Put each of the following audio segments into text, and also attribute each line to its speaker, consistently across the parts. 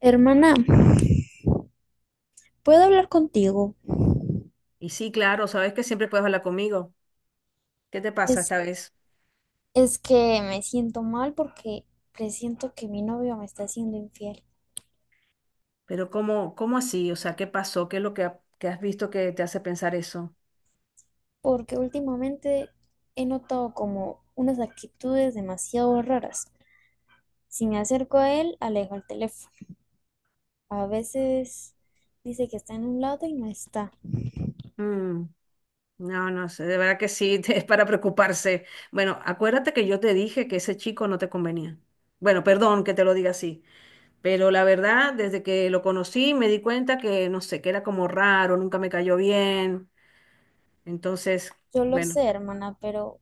Speaker 1: Hermana, ¿puedo hablar contigo?
Speaker 2: Y sí, claro, sabes que siempre puedes hablar conmigo. ¿Qué te pasa
Speaker 1: Es,
Speaker 2: esta vez?
Speaker 1: es que me siento mal porque presiento que mi novio me está haciendo infiel,
Speaker 2: Pero ¿cómo así? O sea, ¿qué pasó? ¿Qué es lo que has visto que te hace pensar eso?
Speaker 1: porque últimamente he notado como unas actitudes demasiado raras. Si me acerco a él, alejo el teléfono. A veces dice que está en un lado y no está.
Speaker 2: Mm, no, no sé, de verdad que sí, es para preocuparse. Bueno, acuérdate que yo te dije que ese chico no te convenía. Bueno, perdón que te lo diga así, pero la verdad, desde que lo conocí me di cuenta que, no sé, que era como raro, nunca me cayó bien. Entonces,
Speaker 1: Yo lo
Speaker 2: bueno,
Speaker 1: sé, hermana, pero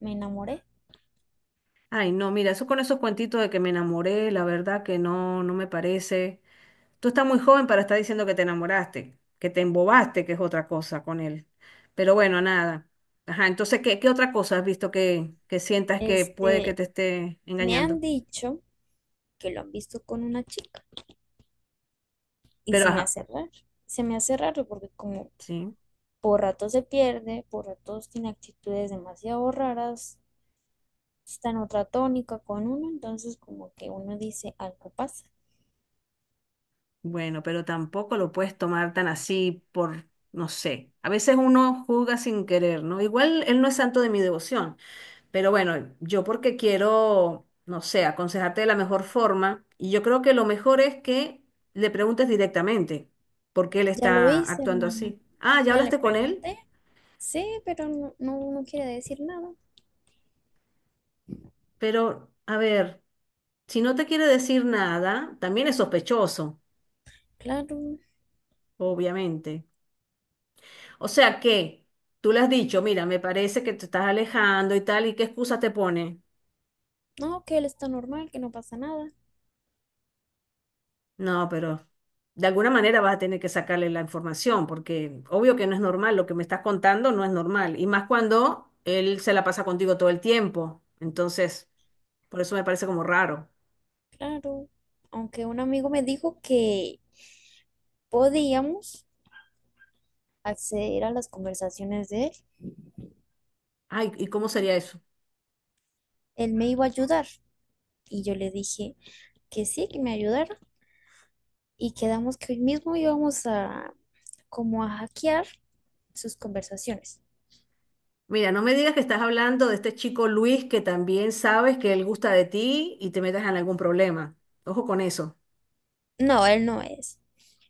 Speaker 1: me enamoré.
Speaker 2: ay, no, mira, eso con esos cuentitos de que me enamoré, la verdad que no, no me parece. Tú estás muy joven para estar diciendo que te enamoraste, que te embobaste, que es otra cosa con él. Pero bueno, nada. Ajá, entonces, ¿qué otra cosa has visto que sientas que puede que
Speaker 1: Este,
Speaker 2: te esté
Speaker 1: Me
Speaker 2: engañando?
Speaker 1: han dicho que lo han visto con una chica y
Speaker 2: Pero
Speaker 1: se me
Speaker 2: ajá,
Speaker 1: hace raro. Se me hace raro porque como
Speaker 2: sí.
Speaker 1: por ratos se pierde, por ratos tiene actitudes demasiado raras, está en otra tónica con uno, entonces como que uno dice algo pasa.
Speaker 2: Bueno, pero tampoco lo puedes tomar tan así por, no sé. A veces uno juzga sin querer, ¿no? Igual él no es santo de mi devoción. Pero bueno, yo porque quiero, no sé, aconsejarte de la mejor forma, y yo creo que lo mejor es que le preguntes directamente por qué él
Speaker 1: Ya lo
Speaker 2: está
Speaker 1: hice,
Speaker 2: actuando
Speaker 1: hermana.
Speaker 2: así. Ah, ya
Speaker 1: Ya le
Speaker 2: hablaste con él,
Speaker 1: pregunté. Sí, pero no quiere decir nada.
Speaker 2: pero a ver, si no te quiere decir nada, también es sospechoso,
Speaker 1: Claro.
Speaker 2: obviamente. O sea que tú le has dicho, mira, me parece que te estás alejando y tal, ¿y qué excusa te pone?
Speaker 1: No, que él está normal, que no pasa nada.
Speaker 2: No, pero de alguna manera vas a tener que sacarle la información, porque obvio que no es normal, lo que me estás contando no es normal, y más cuando él se la pasa contigo todo el tiempo. Entonces, por eso me parece como raro.
Speaker 1: Claro. Aunque un amigo me dijo que podíamos acceder a las conversaciones de él.
Speaker 2: Ay, ¿y cómo sería eso?
Speaker 1: Él me iba a ayudar. Y yo le dije que sí, que me ayudara. Y quedamos que hoy mismo íbamos a como a hackear sus conversaciones.
Speaker 2: Mira, no me digas que estás hablando de este chico Luis, que también sabes que él gusta de ti, y te metas en algún problema. Ojo con eso.
Speaker 1: No, él no es.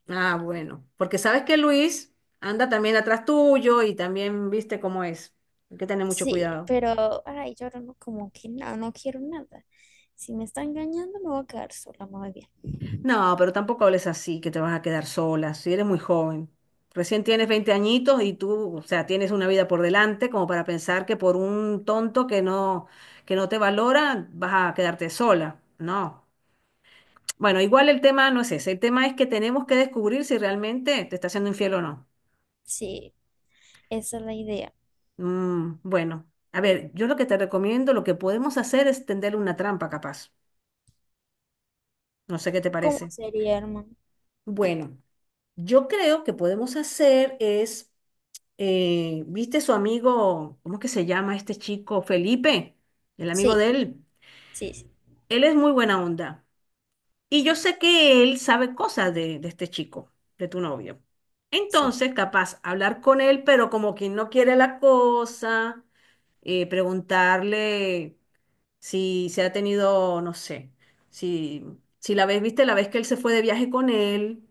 Speaker 2: Ah, bueno, porque sabes que Luis anda también atrás tuyo y también viste cómo es. Hay que tener mucho
Speaker 1: Sí,
Speaker 2: cuidado.
Speaker 1: pero, ay, yo ahora no, como que no, no quiero nada. Si me está engañando, me voy a quedar sola, muy bien.
Speaker 2: No, pero tampoco hables así, que te vas a quedar sola, si eres muy joven. Recién tienes 20 añitos y tú, o sea, tienes una vida por delante como para pensar que por un tonto que no te valora vas a quedarte sola. No. Bueno, igual el tema no es ese. El tema es que tenemos que descubrir si realmente te está haciendo infiel o no.
Speaker 1: Sí, esa es la idea.
Speaker 2: Bueno, a ver, yo lo que te recomiendo, lo que podemos hacer es tenderle una trampa, capaz. No sé qué te
Speaker 1: ¿Cómo
Speaker 2: parece.
Speaker 1: sería, hermano?
Speaker 2: Bueno, yo creo que podemos hacer es... ¿viste su amigo? ¿Cómo es que se llama este chico? Felipe, el amigo
Speaker 1: Sí,
Speaker 2: de él.
Speaker 1: sí, sí,
Speaker 2: Él es muy buena onda. Y yo sé que él sabe cosas de este chico, de tu novio.
Speaker 1: sí,
Speaker 2: Entonces, capaz hablar con él, pero como quien no quiere la cosa, preguntarle si se ha tenido, no sé, si, si la vez, viste, la vez que él se fue de viaje con él,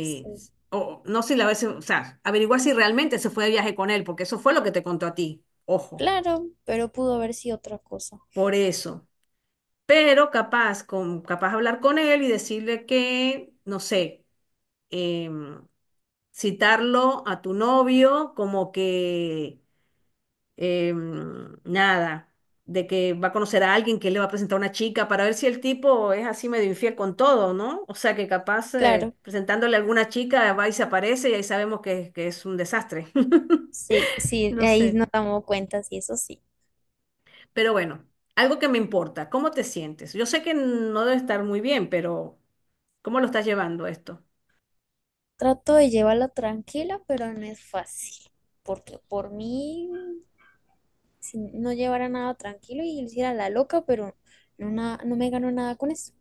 Speaker 1: sí.
Speaker 2: o no sé, si la vez, o sea, averiguar si realmente se fue de viaje con él, porque eso fue lo que te contó a ti, ojo,
Speaker 1: Claro, pero pudo haber sido otra cosa.
Speaker 2: por eso. Pero capaz, capaz hablar con él y decirle que, no sé, em, citarlo a tu novio como que nada, de que va a conocer a alguien que le va a presentar a una chica, para ver si el tipo es así medio infiel con todo, ¿no? O sea que capaz
Speaker 1: Claro,
Speaker 2: presentándole a alguna chica, va y se aparece y ahí sabemos que es un desastre.
Speaker 1: sí, sí,
Speaker 2: No
Speaker 1: ahí
Speaker 2: sé,
Speaker 1: nos damos cuenta, sí, eso sí.
Speaker 2: pero bueno, algo que me importa, ¿cómo te sientes? Yo sé que no debe estar muy bien, pero ¿cómo lo estás llevando esto?
Speaker 1: Trato de llevarla tranquila, pero no es fácil, porque por mí si no llevara nada tranquilo y hiciera la loca, pero no, na- no me ganó nada con eso.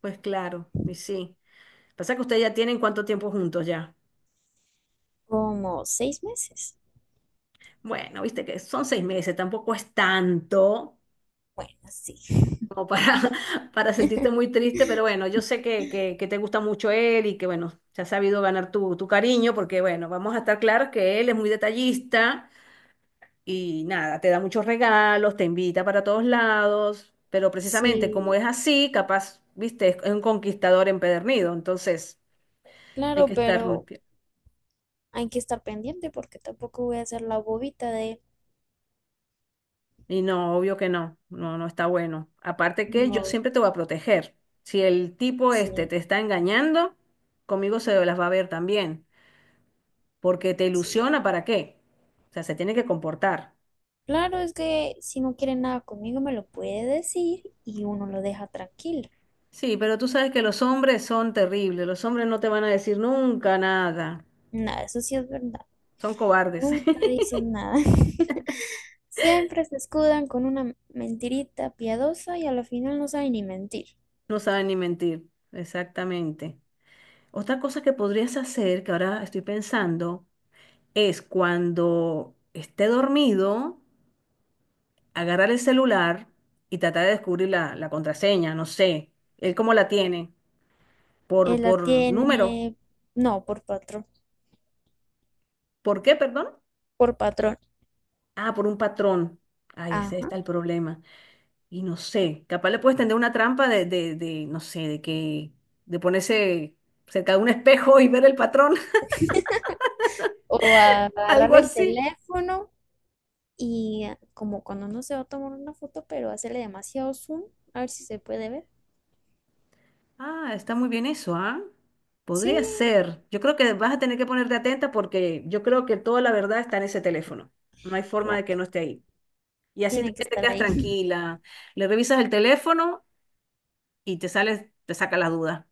Speaker 2: Pues claro, y sí. Pasa que ustedes ya tienen cuánto tiempo juntos ya.
Speaker 1: Como seis meses.
Speaker 2: Bueno, viste que son 6 meses, tampoco es tanto,
Speaker 1: Bueno, sí.
Speaker 2: como para, para sentirte muy triste, pero bueno, yo sé que, que te gusta mucho él, y que bueno, se ha sabido ganar tu, tu cariño, porque bueno, vamos a estar claros que él es muy detallista y nada, te da muchos regalos, te invita para todos lados, pero precisamente como
Speaker 1: Sí,
Speaker 2: es así, capaz, viste, es un conquistador empedernido, entonces hay
Speaker 1: claro,
Speaker 2: que estar muy...
Speaker 1: pero
Speaker 2: pi-
Speaker 1: hay que estar pendiente porque tampoco voy a ser la bobita de...
Speaker 2: Y no, obvio que no, no, no está bueno. Aparte que yo
Speaker 1: No,
Speaker 2: siempre te voy a proteger. Si el tipo este
Speaker 1: sí,
Speaker 2: te está engañando, conmigo se las va a ver también, porque te
Speaker 1: sí.
Speaker 2: ilusiona, ¿para qué? O sea, se tiene que comportar.
Speaker 1: Claro, es que si no quiere nada conmigo me lo puede decir y uno lo deja tranquilo.
Speaker 2: Sí, pero tú sabes que los hombres son terribles, los hombres no te van a decir nunca nada,
Speaker 1: Nada, eso sí es verdad.
Speaker 2: son cobardes,
Speaker 1: Nunca dicen nada. Siempre se escudan con una mentirita piadosa y a la final no saben ni mentir.
Speaker 2: no saben ni mentir, exactamente. Otra cosa que podrías hacer, que ahora estoy pensando, es cuando esté dormido, agarrar el celular y tratar de descubrir la, la contraseña, no sé, él cómo la tiene, por,
Speaker 1: Él la
Speaker 2: por número,
Speaker 1: tiene, no, por patrón,
Speaker 2: ¿por qué, perdón?
Speaker 1: por patrón.
Speaker 2: Ah, por un patrón. Ahí ese
Speaker 1: Ajá.
Speaker 2: está el problema. Y no sé, capaz le puedes tender una trampa de, no sé, de que, de ponerse cerca de un espejo y ver el patrón,
Speaker 1: O
Speaker 2: algo
Speaker 1: agarrar el
Speaker 2: así.
Speaker 1: teléfono y ah, como cuando uno se va a tomar una foto, pero hacerle demasiado zoom, a ver si se puede ver.
Speaker 2: Ah, está muy bien eso, ¿ah? Podría
Speaker 1: Sí,
Speaker 2: ser. Yo creo que vas a tener que ponerte atenta, porque yo creo que toda la verdad está en ese teléfono. No hay forma de que
Speaker 1: claro,
Speaker 2: no esté ahí. Y así
Speaker 1: tiene que
Speaker 2: también te
Speaker 1: estar
Speaker 2: quedas
Speaker 1: ahí.
Speaker 2: tranquila. Le revisas el teléfono y te sales, te saca la duda.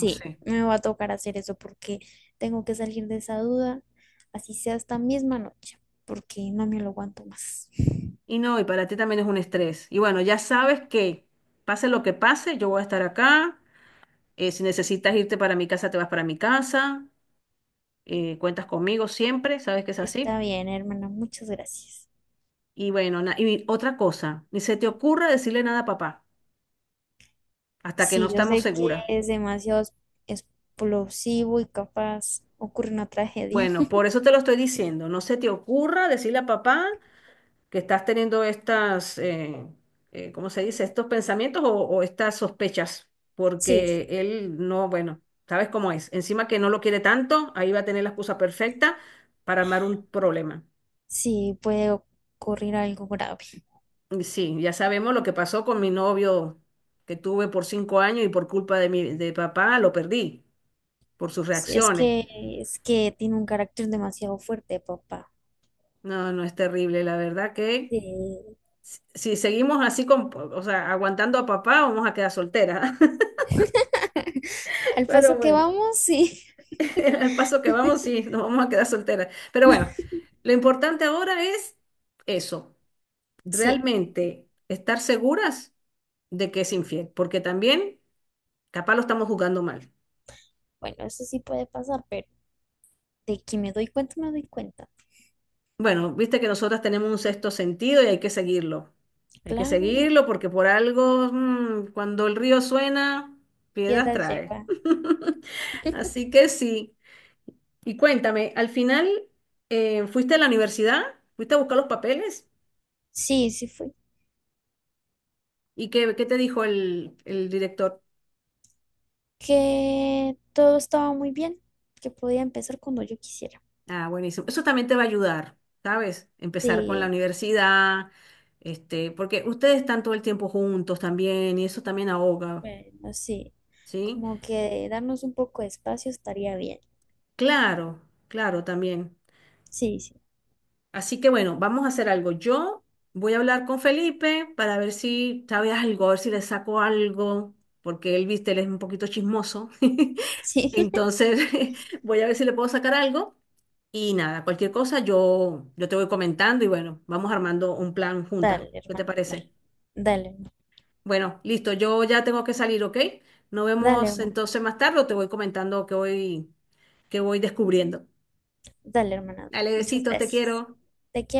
Speaker 2: No sé.
Speaker 1: me va a tocar hacer eso porque tengo que salir de esa duda, así sea esta misma noche, porque no me lo aguanto más.
Speaker 2: Y no, y para ti también es un estrés. Y bueno, ya sabes que pase lo que pase, yo voy a estar acá. Si necesitas irte para mi casa, te vas para mi casa. Cuentas conmigo siempre, sabes que es
Speaker 1: Está
Speaker 2: así.
Speaker 1: bien, hermana, muchas gracias.
Speaker 2: Y bueno, y otra cosa, ni se te ocurra decirle nada a papá hasta que no
Speaker 1: Sí, yo
Speaker 2: estamos
Speaker 1: sé que
Speaker 2: seguras.
Speaker 1: es demasiado explosivo y capaz ocurre una tragedia.
Speaker 2: Bueno, por eso te lo estoy diciendo. No se te ocurra decirle a papá que estás teniendo estas, ¿cómo se dice? Estos pensamientos o estas sospechas,
Speaker 1: Sí,
Speaker 2: porque
Speaker 1: sí,
Speaker 2: él no, bueno, sabes cómo es. Encima que no lo quiere tanto, ahí va a tener la excusa perfecta para armar un problema.
Speaker 1: sí, puede ocurrir algo grave.
Speaker 2: Y sí, ya sabemos lo que pasó con mi novio que tuve por 5 años y por culpa de mi de papá lo perdí por sus
Speaker 1: Sí, es
Speaker 2: reacciones.
Speaker 1: que es que tiene un carácter demasiado fuerte, papá.
Speaker 2: No, no es terrible, la verdad que
Speaker 1: Sí.
Speaker 2: si seguimos así con, o sea, aguantando a papá, vamos a quedar solteras.
Speaker 1: Al
Speaker 2: Pero
Speaker 1: paso que
Speaker 2: bueno,
Speaker 1: vamos, sí.
Speaker 2: al paso que vamos, sí, nos vamos a quedar solteras. Pero bueno, lo importante ahora es eso,
Speaker 1: Sí,
Speaker 2: realmente estar seguras de que es infiel, porque también capaz lo estamos jugando mal.
Speaker 1: bueno, eso sí puede pasar, pero de que me doy cuenta, me doy cuenta.
Speaker 2: Bueno, viste que nosotras tenemos un sexto sentido y hay que seguirlo. Hay que
Speaker 1: Claro,
Speaker 2: seguirlo porque por algo, cuando el río suena, piedras
Speaker 1: piedras
Speaker 2: trae.
Speaker 1: lleva.
Speaker 2: Así que sí. Y cuéntame, al final, ¿fuiste a la universidad? ¿Fuiste a buscar los papeles?
Speaker 1: Sí, sí fue.
Speaker 2: ¿Y qué te dijo el director?
Speaker 1: Que todo estaba muy bien, que podía empezar cuando yo quisiera.
Speaker 2: Ah, buenísimo. Eso también te va a ayudar, ¿sabes? Empezar con la
Speaker 1: Sí,
Speaker 2: universidad, este, porque ustedes están todo el tiempo juntos también y eso también ahoga,
Speaker 1: bueno, sí,
Speaker 2: ¿sí?
Speaker 1: como que darnos un poco de espacio estaría bien.
Speaker 2: Claro, claro, también.
Speaker 1: Sí, sí,
Speaker 2: Así que bueno, vamos a hacer algo. Yo voy a hablar con Felipe para ver si sabe algo, a ver si le saco algo, porque él, viste, él es un poquito chismoso.
Speaker 1: sí.
Speaker 2: Entonces, voy a ver si le puedo sacar algo. Y nada, cualquier cosa yo te voy comentando, y bueno, vamos armando un plan juntas.
Speaker 1: Dale,
Speaker 2: ¿Qué te
Speaker 1: hermano, dale,
Speaker 2: parece?
Speaker 1: dale, hermano,
Speaker 2: Bueno, listo, yo ya tengo que salir, ¿ok? Nos
Speaker 1: dale,
Speaker 2: vemos
Speaker 1: hermano,
Speaker 2: entonces más tarde, o te voy comentando que voy descubriendo.
Speaker 1: dale, hermana, dale.
Speaker 2: Dale,
Speaker 1: Muchas
Speaker 2: besitos, te
Speaker 1: gracias.
Speaker 2: quiero.
Speaker 1: Te quiero.